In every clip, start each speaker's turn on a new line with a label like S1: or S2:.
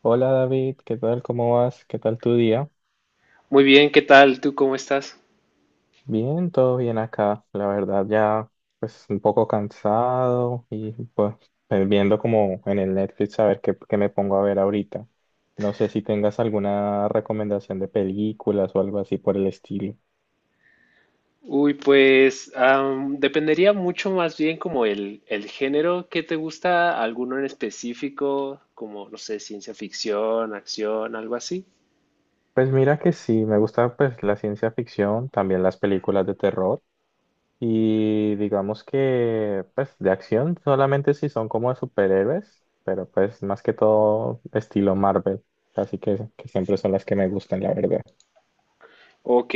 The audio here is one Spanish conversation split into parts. S1: Hola David, ¿qué tal? ¿Cómo vas? ¿Qué tal tu día?
S2: Muy bien, ¿qué tal? ¿Tú cómo estás?
S1: Bien, todo bien acá. La verdad ya pues un poco cansado y viendo como en el Netflix a ver qué me pongo a ver ahorita. No sé si tengas alguna recomendación de películas o algo así por el estilo.
S2: Uy, pues dependería mucho más bien como el género. ¿Qué te gusta, alguno en específico, como, no sé, ciencia ficción, acción, algo así?
S1: Pues mira que sí, me gusta pues la ciencia ficción, también las películas de terror. Y digamos que, pues, de acción solamente si son como de superhéroes, pero pues más que todo estilo Marvel. Así que siempre son las que me gustan, la verdad.
S2: Ok,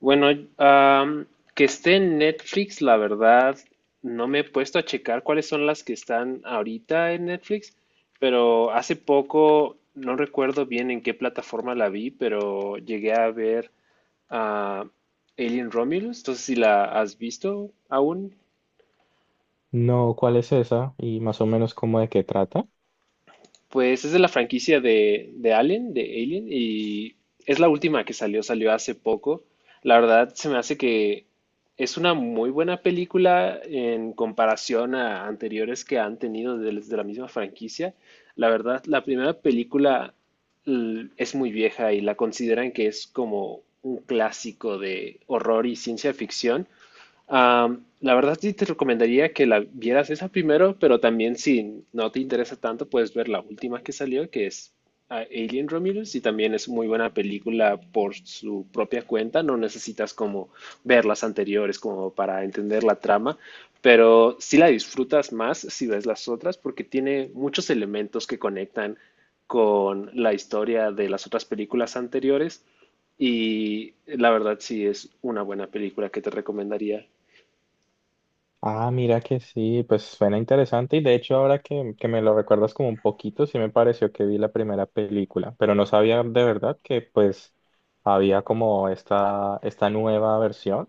S2: bueno, am, que esté en Netflix, la verdad, no me he puesto a checar cuáles son las que están ahorita en Netflix, pero hace poco, no recuerdo bien en qué plataforma la vi, pero llegué a ver... a Alien Romulus. Entonces, si la has visto aún,
S1: No, ¿cuál es esa? Y más o menos cómo de qué trata.
S2: pues es de la franquicia de Alien, de Alien, y es la última que salió, salió hace poco. La verdad, se me hace que es una muy buena película en comparación a anteriores que han tenido de la misma franquicia. La verdad, la primera película es muy vieja y la consideran que es como un clásico de horror y ciencia ficción. La verdad sí te recomendaría que la vieras esa primero, pero también si no te interesa tanto, puedes ver la última que salió, que es Alien Romulus, y también es muy buena película por su propia cuenta. No necesitas como ver las anteriores como para entender la trama, pero sí la disfrutas más si ves las otras porque tiene muchos elementos que conectan con la historia de las otras películas anteriores. Y la verdad sí es una buena película que te recomendaría.
S1: Ah, mira que sí, pues suena interesante. Y de hecho, ahora que me lo recuerdas como un poquito, sí me pareció que vi la primera película, pero no sabía de verdad que pues había como esta nueva versión.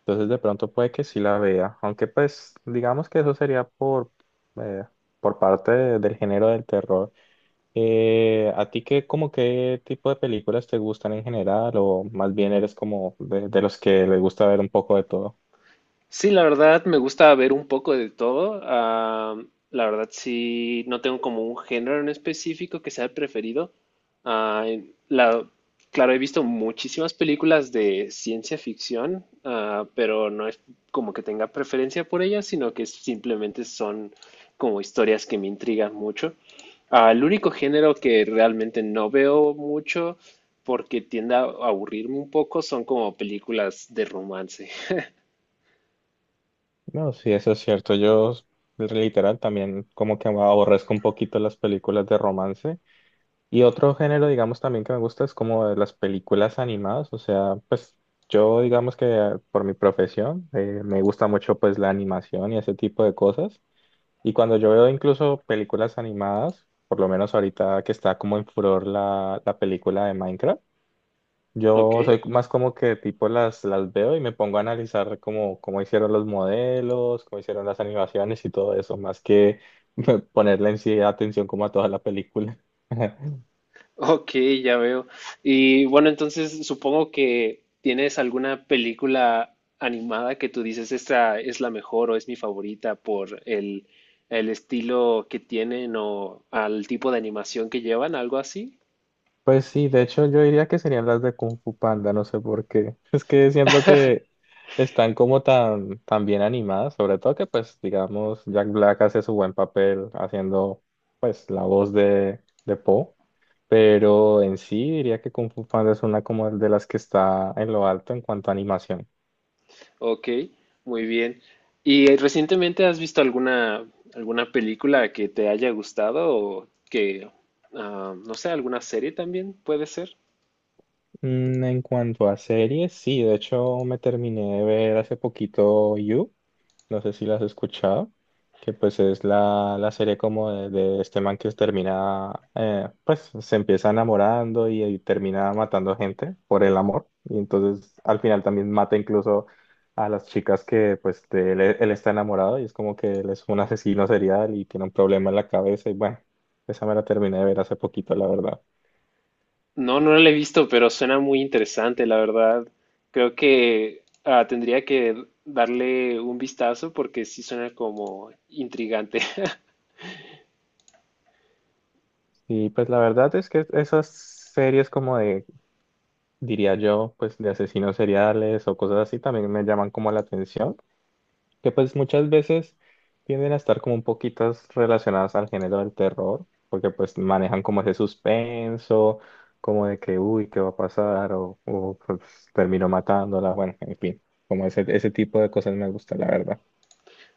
S1: Entonces de pronto puede que sí la vea, aunque pues digamos que eso sería eh, por del género del terror. ¿A ti qué, como qué tipo de películas te gustan en general o más bien eres como de los que les gusta ver un poco de todo?
S2: Sí, la verdad me gusta ver un poco de todo. La verdad sí, no tengo como un género en específico que sea el preferido. Ah, en- la- claro, he visto muchísimas películas de ciencia ficción, pero no es como que tenga preferencia por ellas, sino que simplemente son como historias que me intrigan mucho. El único género que realmente no veo mucho porque tiende a aburrirme un poco son como películas de romance.
S1: No, sí, eso es cierto. Yo literal también como que aborrezco un poquito las películas de romance. Y otro género, digamos, también que me gusta es como de las películas animadas, o sea, pues yo, digamos que por mi profesión, me gusta mucho pues la animación y ese tipo de cosas. Y cuando yo veo incluso películas animadas, por lo menos ahorita que está como en furor la película de Minecraft,
S2: ¿Ok?
S1: yo soy más como que tipo las veo y me pongo a analizar cómo hicieron los modelos, cómo hicieron las animaciones y todo eso, más que ponerle en sí atención como a toda la película.
S2: Ok, ya veo. Y bueno, entonces supongo que tienes alguna película animada que tú dices, esta es la mejor o es mi favorita por el estilo que tienen o al tipo de animación que llevan, algo así.
S1: Pues sí, de hecho yo diría que serían las de Kung Fu Panda, no sé por qué. Es que siento que están como tan bien animadas, sobre todo que pues digamos Jack Black hace su buen papel haciendo pues la voz de Po, pero en sí diría que Kung Fu Panda es una como de las que está en lo alto en cuanto a animación.
S2: Ok, muy bien. ¿Y recientemente has visto alguna, alguna película que te haya gustado o que, no sé, alguna serie también puede ser?
S1: Mm, en cuanto a series, sí, de hecho me terminé de ver hace poquito You. No sé si las has escuchado, que pues es la serie como de este man que termina, pues se empieza enamorando y termina matando gente por el amor, y entonces al final también mata incluso a las chicas que pues de él, él está enamorado y es como que él es un asesino serial y tiene un problema en la cabeza y bueno, esa me la terminé de ver hace poquito, la verdad.
S2: No, no la he visto, pero suena muy interesante, la verdad. Creo que tendría que darle un vistazo porque sí suena como intrigante.
S1: Y pues la verdad es que esas series como de, diría yo, pues de asesinos seriales o cosas así también me llaman como la atención. Que pues muchas veces tienden a estar como un poquitas relacionadas al género del terror, porque pues manejan como ese suspenso, como de que, uy, ¿qué va a pasar? O pues, termino matándola, bueno, en fin, como ese tipo de cosas me gusta, la verdad.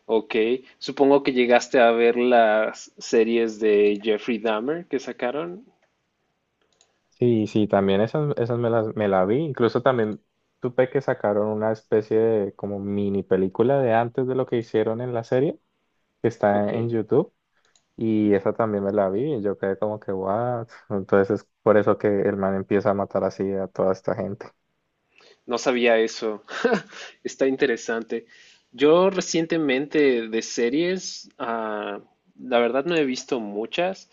S2: Ok, supongo que llegaste a ver las series de Jeffrey Dahmer que sacaron.
S1: Sí, sí, también esas me las me la vi, incluso también supe que sacaron una especie de como mini película de antes de lo que hicieron en la serie, que
S2: Ok.
S1: está en YouTube. Y esa también me la vi y yo quedé como que, what? Entonces es por eso que el man empieza a matar así a toda esta gente.
S2: No sabía eso. Está interesante. Yo recientemente de series, la verdad no he visto muchas,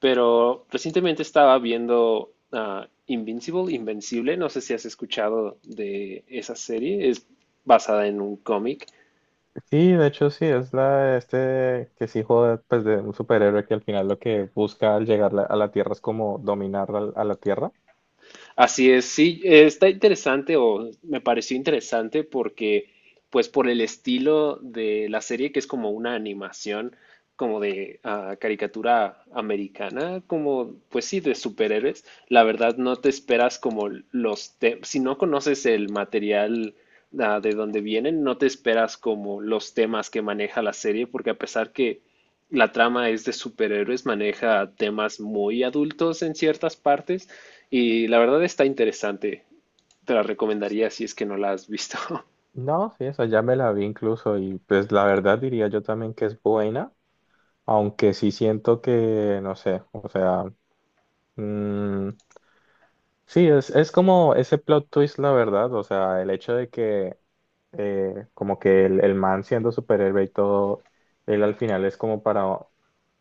S2: pero recientemente estaba viendo Invincible, Invencible. No sé si has escuchado de esa serie. Es basada en un cómic.
S1: Sí, de hecho sí, es la de este que es hijo de, pues, de un superhéroe que al final lo que busca al llegar a la Tierra es como dominar la Tierra.
S2: Así es, sí, está interesante o me pareció interesante porque, pues por el estilo de la serie, que es como una animación, como de caricatura americana, como, pues sí, de superhéroes, la verdad no te esperas como los temas, si no conoces el material de donde vienen, no te esperas como los temas que maneja la serie, porque a pesar que la trama es de superhéroes, maneja temas muy adultos en ciertas partes y la verdad está interesante. Te la recomendaría si es que no la has visto.
S1: No, sí, esa ya me la vi incluso y pues la verdad diría yo también que es buena, aunque sí siento que, no sé, o sea, mm, sí, es como ese plot twist, la verdad, o sea, el hecho de que como que el man siendo superhéroe y todo, él al final es como para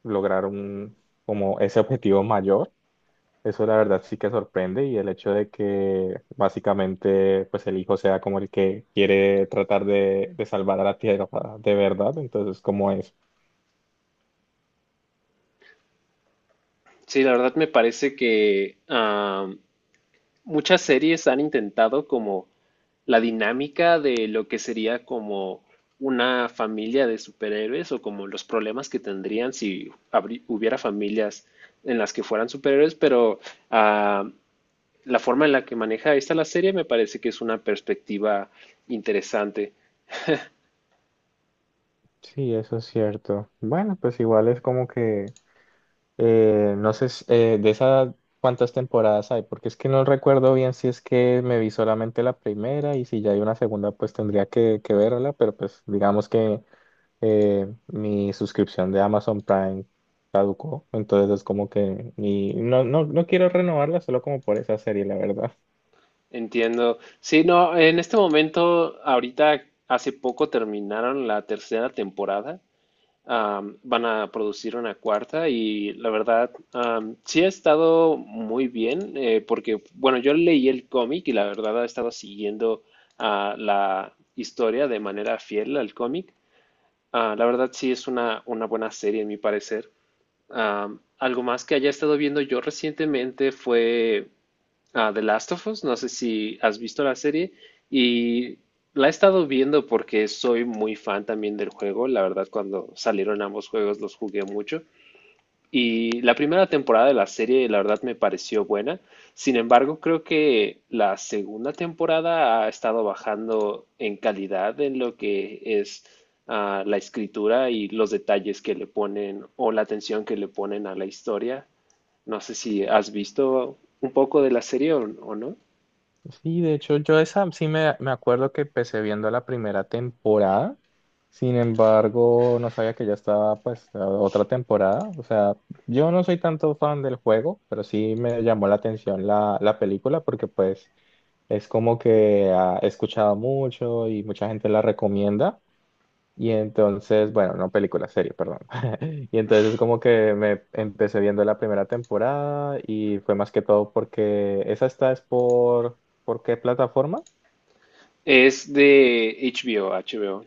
S1: lograr un, como ese objetivo mayor. Eso la verdad sí que sorprende y el hecho de que básicamente pues el hijo sea como el que quiere tratar de salvar a la tierra de verdad, entonces como es.
S2: Sí, la verdad me parece que muchas series han intentado como la dinámica de lo que sería como una familia de superhéroes o como los problemas que tendrían si hubiera familias en las que fueran superhéroes, pero ah, la forma en la que maneja esta la serie me parece que es una perspectiva interesante.
S1: Sí, eso es cierto. Bueno, pues igual es como que eh, no sé, de esas cuántas temporadas hay, porque es que no recuerdo bien si es que me vi solamente la primera y si ya hay una segunda, pues tendría que verla, pero pues digamos que mi suscripción de Amazon Prime caducó, entonces es como que ni, no, no, no quiero renovarla solo como por esa serie, la verdad.
S2: Entiendo. Sí, no, en este momento, ahorita hace poco terminaron la tercera temporada. Van a producir una cuarta y la verdad, sí ha estado muy bien porque, bueno, yo leí el cómic y la verdad he estado siguiendo la historia de manera fiel al cómic. La verdad sí es una buena serie, en mi parecer. Algo más que haya estado viendo yo recientemente fue a The Last of Us. No sé si has visto la serie y la he estado viendo porque soy muy fan también del juego. La verdad, cuando salieron ambos juegos los jugué mucho. Y la primera temporada de la serie, la verdad, me pareció buena. Sin embargo, creo que la segunda temporada ha estado bajando en calidad en lo que es la escritura y los detalles que le ponen o la atención que le ponen a la historia. No sé si has visto un poco de la serie o no.
S1: Sí, de hecho, yo esa sí me acuerdo que empecé viendo la primera temporada. Sin embargo, no sabía que ya estaba pues la otra temporada. O sea, yo no soy tanto fan del juego, pero sí me llamó la atención la película porque pues es como que ah, he escuchado mucho y mucha gente la recomienda. Y entonces, bueno, no película, serie, perdón. Y entonces como que me empecé viendo la primera temporada y fue más que todo porque esa está es ¿por qué plataforma?
S2: Es de HBO, HBO.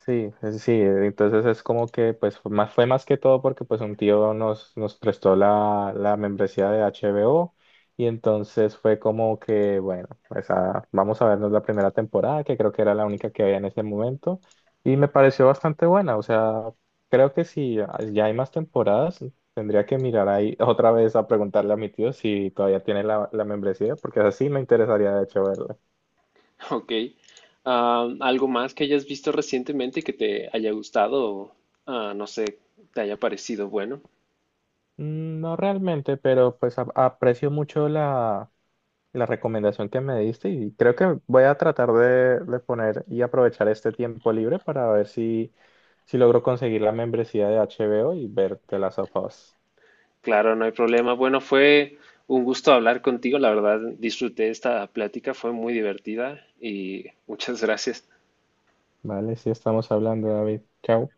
S1: Sí, entonces es como que pues fue fue más que todo porque pues un tío nos prestó la membresía de HBO y entonces fue como que bueno, pues ah, vamos a vernos la primera temporada que creo que era la única que había en ese momento y me pareció bastante buena, o sea, creo que si ya hay más temporadas tendría que mirar ahí otra vez a preguntarle a mi tío si todavía tiene la membresía porque así me interesaría de hecho verla.
S2: Ok. ¿Algo más que hayas visto recientemente que te haya gustado o, no sé, te haya parecido bueno?
S1: Mm, no realmente, pero pues aprecio mucho la la recomendación que me diste y creo que voy a tratar de poner y aprovechar este tiempo libre para ver si logro conseguir la membresía de HBO y ver The Last of Us.
S2: Claro, no hay problema. Bueno, fue un gusto hablar contigo. La verdad, disfruté esta plática, fue muy divertida y muchas gracias.
S1: Vale, sí estamos hablando, David. Chao.